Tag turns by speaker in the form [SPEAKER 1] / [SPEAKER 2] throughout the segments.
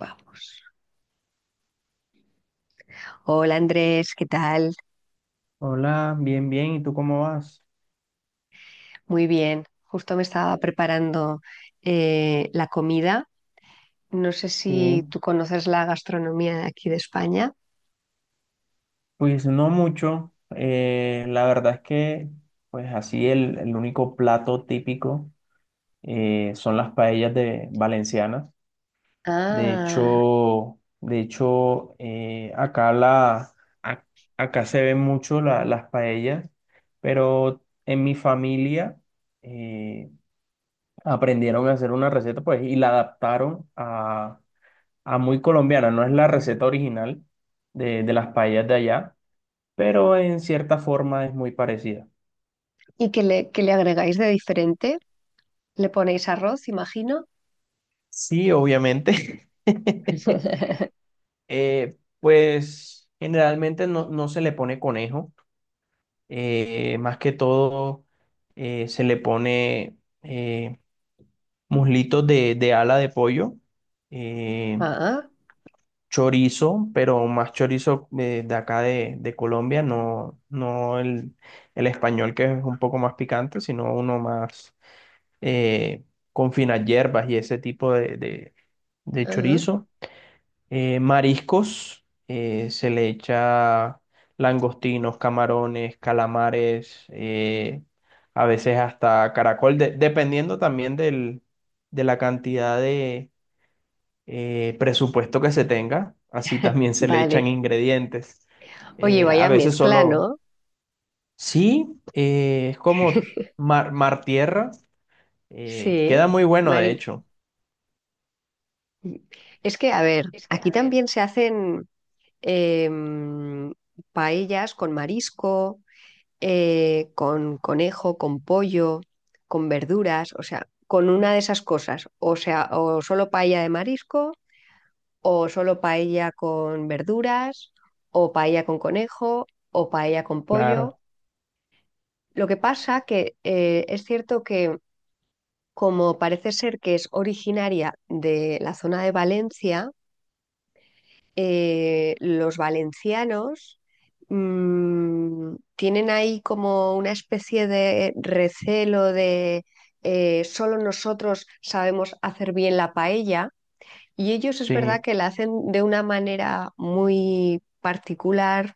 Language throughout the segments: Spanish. [SPEAKER 1] Vamos. Hola Andrés, ¿qué tal?
[SPEAKER 2] Hola, bien, bien. ¿Y tú cómo vas?
[SPEAKER 1] Muy bien. Justo me estaba preparando la comida. No sé si
[SPEAKER 2] Sí,
[SPEAKER 1] tú conoces la gastronomía de aquí de España.
[SPEAKER 2] pues no mucho. La verdad es que, pues así el único plato típico son las paellas de valencianas.
[SPEAKER 1] Ah,
[SPEAKER 2] De hecho, acá a- acá se ven mucho las paellas, pero en mi familia eh, aprendieron a hacer una receta, pues, y la adaptaron muy colombiana, no es la receta original de las paellas de allá, pero en cierta forma es muy parecida.
[SPEAKER 1] ¿y qué qué le agregáis de diferente? ¿Le ponéis arroz, imagino?
[SPEAKER 2] Sí, obviamente. Pues generalmente no se le pone conejo, más que todo se le pone eh, muslitos de ala de pollo, eh,
[SPEAKER 1] Ah,
[SPEAKER 2] chorizo, pero más chorizo de acá de Colombia, no el, el español que es un poco más picante, sino uno más eh, con finas hierbas y ese tipo de
[SPEAKER 1] ah,
[SPEAKER 2] chorizo. Mariscos, se le echa langostinos, camarones, calamares, a veces hasta caracol, dependiendo también de la cantidad, presupuesto que se tenga, así también se le
[SPEAKER 1] vale.
[SPEAKER 2] echan ingredientes.
[SPEAKER 1] Oye,
[SPEAKER 2] A
[SPEAKER 1] vaya
[SPEAKER 2] veces
[SPEAKER 1] mezcla,
[SPEAKER 2] solo,
[SPEAKER 1] ¿no?
[SPEAKER 2] sí, es como mar, mar tierra, queda
[SPEAKER 1] Sí.
[SPEAKER 2] muy bueno de
[SPEAKER 1] Mari-
[SPEAKER 2] hecho.
[SPEAKER 1] Es que, a ver, aquí también se hacen em, paellas con marisco, con conejo, con pollo, con verduras, o sea, con una de esas cosas. O sea, o solo paella de marisco, o solo paella con verduras, o paella con conejo, o paella con pollo.
[SPEAKER 2] Claro,
[SPEAKER 1] Lo que pasa que es cierto que como parece ser que es originaria de la zona de Valencia, los valencianos tienen ahí como una especie de recelo de solo nosotros sabemos hacer bien la paella, y ellos es verdad
[SPEAKER 2] sí,
[SPEAKER 1] que la hacen de una manera muy particular,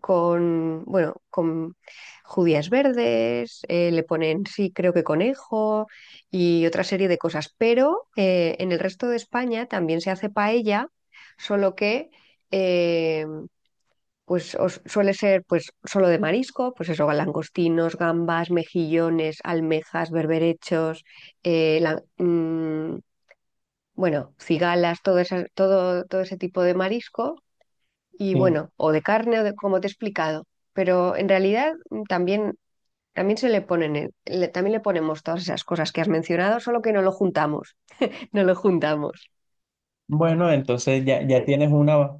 [SPEAKER 1] con, bueno, con judías verdes, le ponen, sí, creo que conejo y otra serie de cosas. Pero en el resto de España también se hace paella, solo que eh, suele ser pues solo de marisco, pues eso, langostinos, gambas, mejillones, almejas, berberechos, eh, la- mm, bueno, cigalas, todo, todo, todo ese tipo de marisco y
[SPEAKER 2] sí.
[SPEAKER 1] bueno, o de carne o de como te he explicado, pero en realidad también, también se le ponen, también le ponemos todas esas cosas que has mencionado, solo que no lo juntamos, no lo juntamos.
[SPEAKER 2] Bueno, entonces ya tienes una,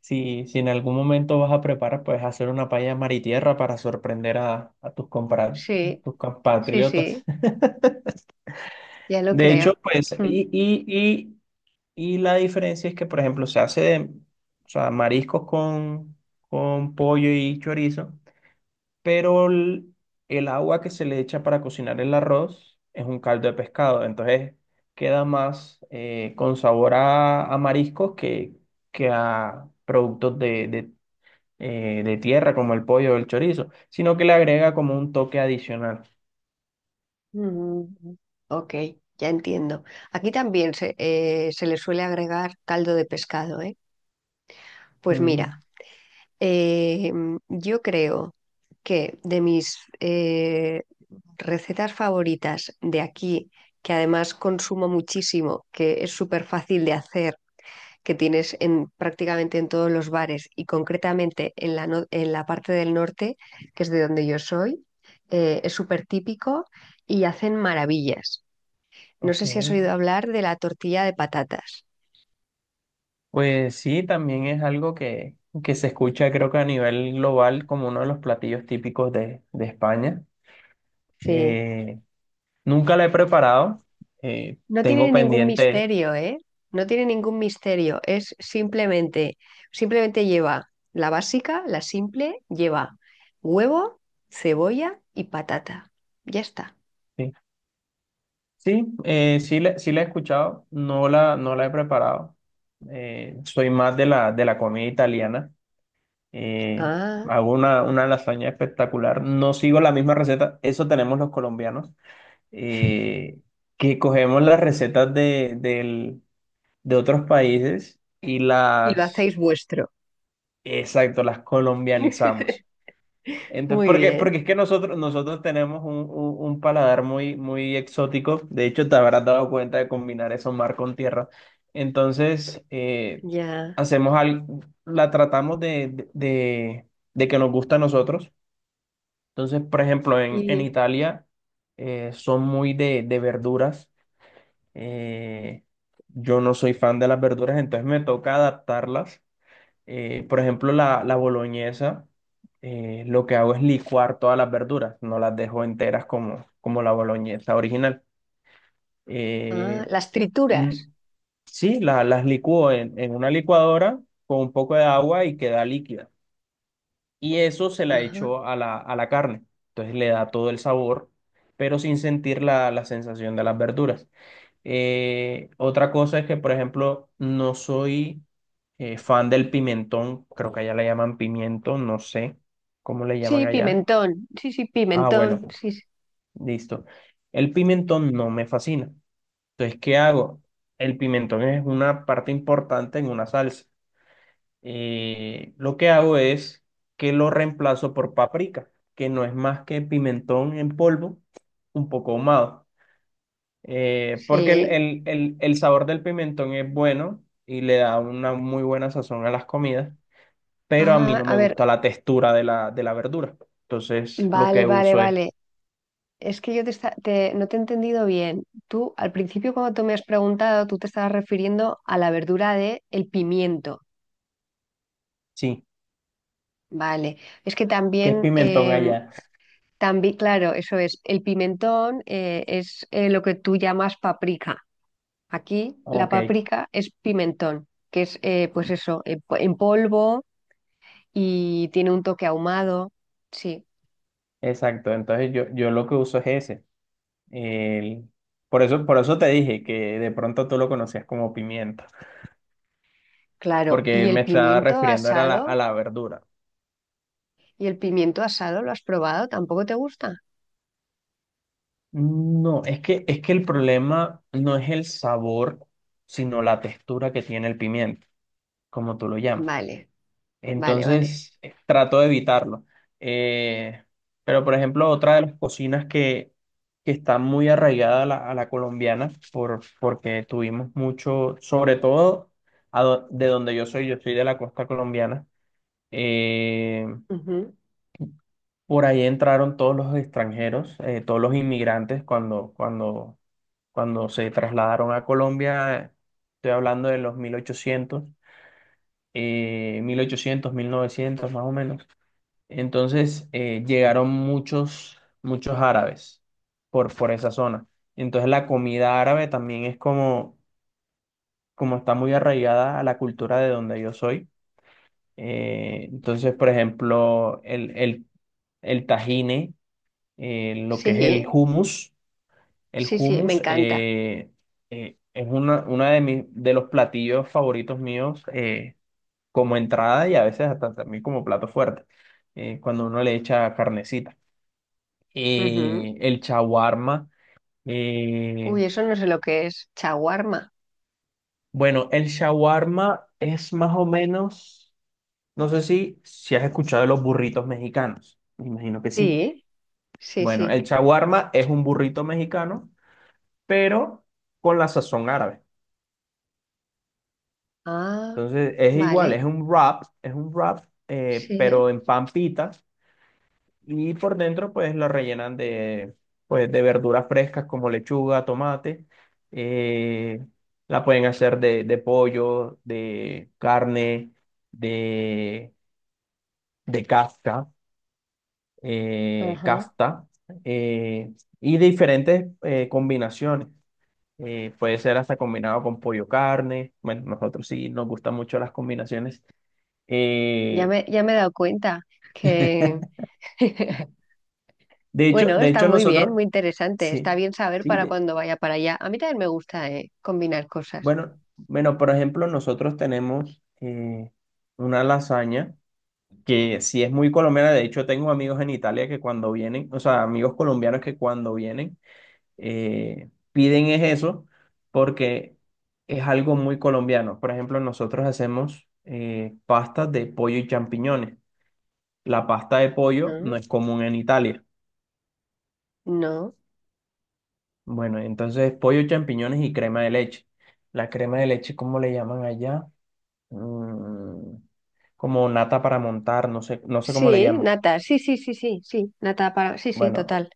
[SPEAKER 2] si, si en algún momento vas a preparar, pues hacer una paella mar y tierra para sorprender a tus,
[SPEAKER 1] Sí,
[SPEAKER 2] tus
[SPEAKER 1] sí,
[SPEAKER 2] compatriotas.
[SPEAKER 1] sí, ya lo
[SPEAKER 2] De hecho,
[SPEAKER 1] creo.
[SPEAKER 2] pues,
[SPEAKER 1] Mm.
[SPEAKER 2] y la diferencia es que, por ejemplo, se hace de, o sea, mariscos con pollo y chorizo, pero el agua que se le echa para cocinar el arroz es un caldo de pescado, entonces queda más con sabor a mariscos que a productos de tierra como el pollo o el chorizo, sino que le agrega como un toque adicional.
[SPEAKER 1] Mm, ok, ya entiendo. Aquí también se, se le suele agregar caldo de pescado, ¿eh? Pues mira,
[SPEAKER 2] Mm,
[SPEAKER 1] yo creo que de mis recetas favoritas de aquí, que además consumo muchísimo, que es súper fácil de hacer, que tienes en, prácticamente en todos los bares y concretamente en la, en la parte del norte, que es de donde yo soy, es súper típico y hacen maravillas. No
[SPEAKER 2] ok.
[SPEAKER 1] sé si has oído hablar de la tortilla de patatas.
[SPEAKER 2] Pues sí, también es algo que se escucha creo que a nivel global como uno de los platillos típicos de España.
[SPEAKER 1] Sí.
[SPEAKER 2] Eh, Nunca la he preparado,
[SPEAKER 1] No
[SPEAKER 2] tengo
[SPEAKER 1] tiene ningún
[SPEAKER 2] pendiente.
[SPEAKER 1] misterio, ¿eh? No tiene ningún misterio. Es simplemente, simplemente lleva la básica, la simple, lleva huevo, cebolla y patata. Ya está.
[SPEAKER 2] Sí, sí, sí, sí la he escuchado, no la he preparado. Soy más de de la comida italiana. eh,
[SPEAKER 1] Ah,
[SPEAKER 2] Hago una lasaña espectacular. No sigo la misma receta, eso tenemos los colombianos. eh, que cogemos las recetas de otros países
[SPEAKER 1] y lo hacéis vuestro.
[SPEAKER 2] exacto, las colombianizamos. Entonces,
[SPEAKER 1] Muy
[SPEAKER 2] porque,
[SPEAKER 1] bien,
[SPEAKER 2] porque es que nosotros tenemos un, un paladar muy, muy exótico. De hecho, te habrás dado cuenta de combinar eso mar con tierra. Entonces,
[SPEAKER 1] ya.
[SPEAKER 2] hacemos al, la tratamos de que nos gusta a nosotros. Entonces, por ejemplo, en
[SPEAKER 1] Y
[SPEAKER 2] Italia son muy de verduras. Eh, yo no soy fan de las verduras, entonces me toca adaptarlas. Por ejemplo, la boloñesa, lo que hago es licuar todas las verduras, no las dejo enteras como, como la boloñesa original.
[SPEAKER 1] ah,
[SPEAKER 2] Eh,
[SPEAKER 1] las
[SPEAKER 2] mm,
[SPEAKER 1] trituras.
[SPEAKER 2] sí, las licúo en una licuadora con un poco de agua y queda líquida. Y eso se la
[SPEAKER 1] Ajá.
[SPEAKER 2] echo a a la carne. Entonces le da todo el sabor, pero sin sentir la sensación de las verduras. Otra cosa es que, por ejemplo, no soy fan del pimentón, creo que allá le llaman pimiento, no sé cómo le llaman
[SPEAKER 1] Sí,
[SPEAKER 2] allá.
[SPEAKER 1] pimentón. Sí, sí,
[SPEAKER 2] Ah,
[SPEAKER 1] pimentón.
[SPEAKER 2] bueno,
[SPEAKER 1] Sí, sí.
[SPEAKER 2] listo. El pimentón no me fascina. Entonces, ¿qué hago? El pimentón es una parte importante en una salsa. Lo que hago es que lo reemplazo por paprika, que no es más que pimentón en polvo, un poco ahumado. Porque
[SPEAKER 1] Sí.
[SPEAKER 2] el sabor del pimentón es bueno y le da una muy buena sazón a las comidas, pero a mí
[SPEAKER 1] Ah,
[SPEAKER 2] no
[SPEAKER 1] a
[SPEAKER 2] me
[SPEAKER 1] ver,
[SPEAKER 2] gusta la textura de de la verdura. Entonces, lo
[SPEAKER 1] vale,
[SPEAKER 2] que
[SPEAKER 1] vale,
[SPEAKER 2] uso
[SPEAKER 1] vale.
[SPEAKER 2] es,
[SPEAKER 1] Es que yo no te he entendido bien. Tú, al principio, cuando tú me has preguntado, tú te estabas refiriendo a la verdura de el pimiento.
[SPEAKER 2] sí,
[SPEAKER 1] Vale. Es que
[SPEAKER 2] ¿qué es
[SPEAKER 1] también,
[SPEAKER 2] pimentón allá?
[SPEAKER 1] también, claro, eso es. El pimentón es lo que tú llamas paprika. Aquí la
[SPEAKER 2] Ok,
[SPEAKER 1] paprika es pimentón, que es, pues eso, en polvo y tiene un toque ahumado. Sí,
[SPEAKER 2] exacto. Entonces, yo lo que uso es ese. El- por eso, por eso te dije que de pronto tú lo conocías como pimienta,
[SPEAKER 1] claro.
[SPEAKER 2] porque
[SPEAKER 1] ¿Y
[SPEAKER 2] me
[SPEAKER 1] el
[SPEAKER 2] estaba
[SPEAKER 1] pimiento
[SPEAKER 2] refiriendo era a
[SPEAKER 1] asado?
[SPEAKER 2] a la verdura.
[SPEAKER 1] ¿Y el pimiento asado lo has probado? ¿Tampoco te gusta?
[SPEAKER 2] No, es que el problema no es el sabor, sino la textura que tiene el pimiento, como tú lo llamas.
[SPEAKER 1] Vale. Vale, vale.
[SPEAKER 2] Entonces, trato de evitarlo. Eh, pero, por ejemplo, otra de las cocinas que está muy arraigada a a la colombiana, por, porque tuvimos mucho, sobre todo de donde yo soy de la costa colombiana. eh,
[SPEAKER 1] Ujú.
[SPEAKER 2] por ahí entraron todos los extranjeros, todos los inmigrantes cuando, cuando, cuando se trasladaron a Colombia. Estoy hablando de los 1800, 1800, 1900 más o menos. Entonces llegaron muchos, muchos árabes por esa zona. Entonces la comida árabe también es como, como está muy arraigada a la cultura de donde yo soy. Entonces, por ejemplo, el tajine. Lo que es el
[SPEAKER 1] Sí,
[SPEAKER 2] hummus. El
[SPEAKER 1] sí, sí, me
[SPEAKER 2] hummus
[SPEAKER 1] encanta.
[SPEAKER 2] es una de mis, de los platillos favoritos míos, como entrada y a veces hasta también como plato fuerte, cuando uno le echa carnecita.
[SPEAKER 1] Ujú.
[SPEAKER 2] El shawarma. eh,
[SPEAKER 1] Uy, eso no sé lo que es. Chaguarma.
[SPEAKER 2] bueno, el shawarma es más o menos, no sé si, si has escuchado de los burritos mexicanos. Me imagino que sí.
[SPEAKER 1] Sí, sí,
[SPEAKER 2] Bueno,
[SPEAKER 1] sí.
[SPEAKER 2] el shawarma es un burrito mexicano, pero con la sazón árabe.
[SPEAKER 1] Ah,
[SPEAKER 2] Entonces es igual,
[SPEAKER 1] vale,
[SPEAKER 2] es un wrap, pero
[SPEAKER 1] sí.
[SPEAKER 2] en pan pita y por dentro pues lo rellenan de, pues, de verduras frescas como lechuga, tomate. eh, la pueden hacer de pollo, de carne, de, de casca,
[SPEAKER 1] Ajá.
[SPEAKER 2] casta, eh, y diferentes combinaciones. Puede ser hasta combinado con pollo carne. Bueno, nosotros sí nos gustan mucho las combinaciones. Eh,
[SPEAKER 1] Ya me he dado cuenta que, bueno,
[SPEAKER 2] De
[SPEAKER 1] está
[SPEAKER 2] hecho
[SPEAKER 1] muy bien,
[SPEAKER 2] nosotros,
[SPEAKER 1] muy interesante.
[SPEAKER 2] sí,
[SPEAKER 1] Está bien saber
[SPEAKER 2] sí,
[SPEAKER 1] para cuando vaya para allá. A mí también me gusta, combinar cosas.
[SPEAKER 2] bueno, bueno, por ejemplo, nosotros tenemos una lasaña que sí es muy colombiana, de hecho tengo amigos en Italia que cuando vienen, o sea, amigos colombianos que cuando vienen piden es eso porque es algo muy colombiano. Por ejemplo, nosotros hacemos pastas de pollo y champiñones. La pasta de pollo no
[SPEAKER 1] Ujú.
[SPEAKER 2] es común en Italia.
[SPEAKER 1] No.
[SPEAKER 2] Bueno, entonces pollo, champiñones y crema de leche. La crema de leche, ¿cómo le llaman allá? Mm, como nata para montar, no sé, no sé cómo le
[SPEAKER 1] Sí,
[SPEAKER 2] llaman.
[SPEAKER 1] nata. Sí, sí, sí, sí, sí. Nata para... Sí, sí,
[SPEAKER 2] Bueno,
[SPEAKER 1] total.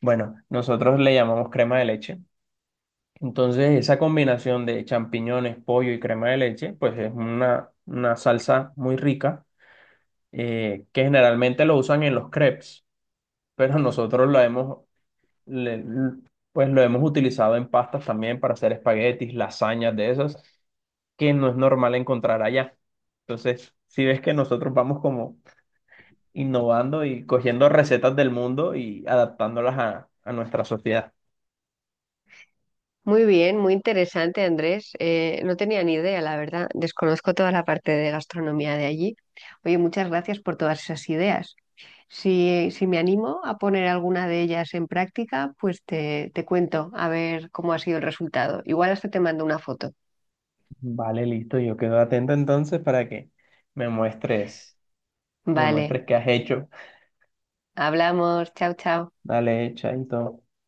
[SPEAKER 2] bueno, nosotros le llamamos crema de leche. Entonces, esa combinación de champiñones, pollo y crema de leche, pues es una salsa muy rica, que generalmente lo usan en los crepes, pero nosotros lo hemos, le- pues lo hemos utilizado en pastas también para hacer espaguetis, lasañas de esas. Que no es normal encontrar allá. Entonces, si ves que nosotros vamos como innovando y cogiendo recetas del mundo y adaptándolas a nuestra sociedad.
[SPEAKER 1] Muy bien, muy interesante, Andrés. No tenía ni idea, la verdad. Desconozco toda la parte de gastronomía de allí. Oye, muchas gracias por todas esas ideas. Si, si me animo a poner alguna de ellas en práctica, pues te cuento a ver cómo ha sido el resultado. Igual hasta te mando una foto.
[SPEAKER 2] Vale, listo, yo quedo atento entonces para que me muestres, me
[SPEAKER 1] Vale,
[SPEAKER 2] muestres qué has hecho.
[SPEAKER 1] hablamos. Chao, chao.
[SPEAKER 2] Dale, chaito.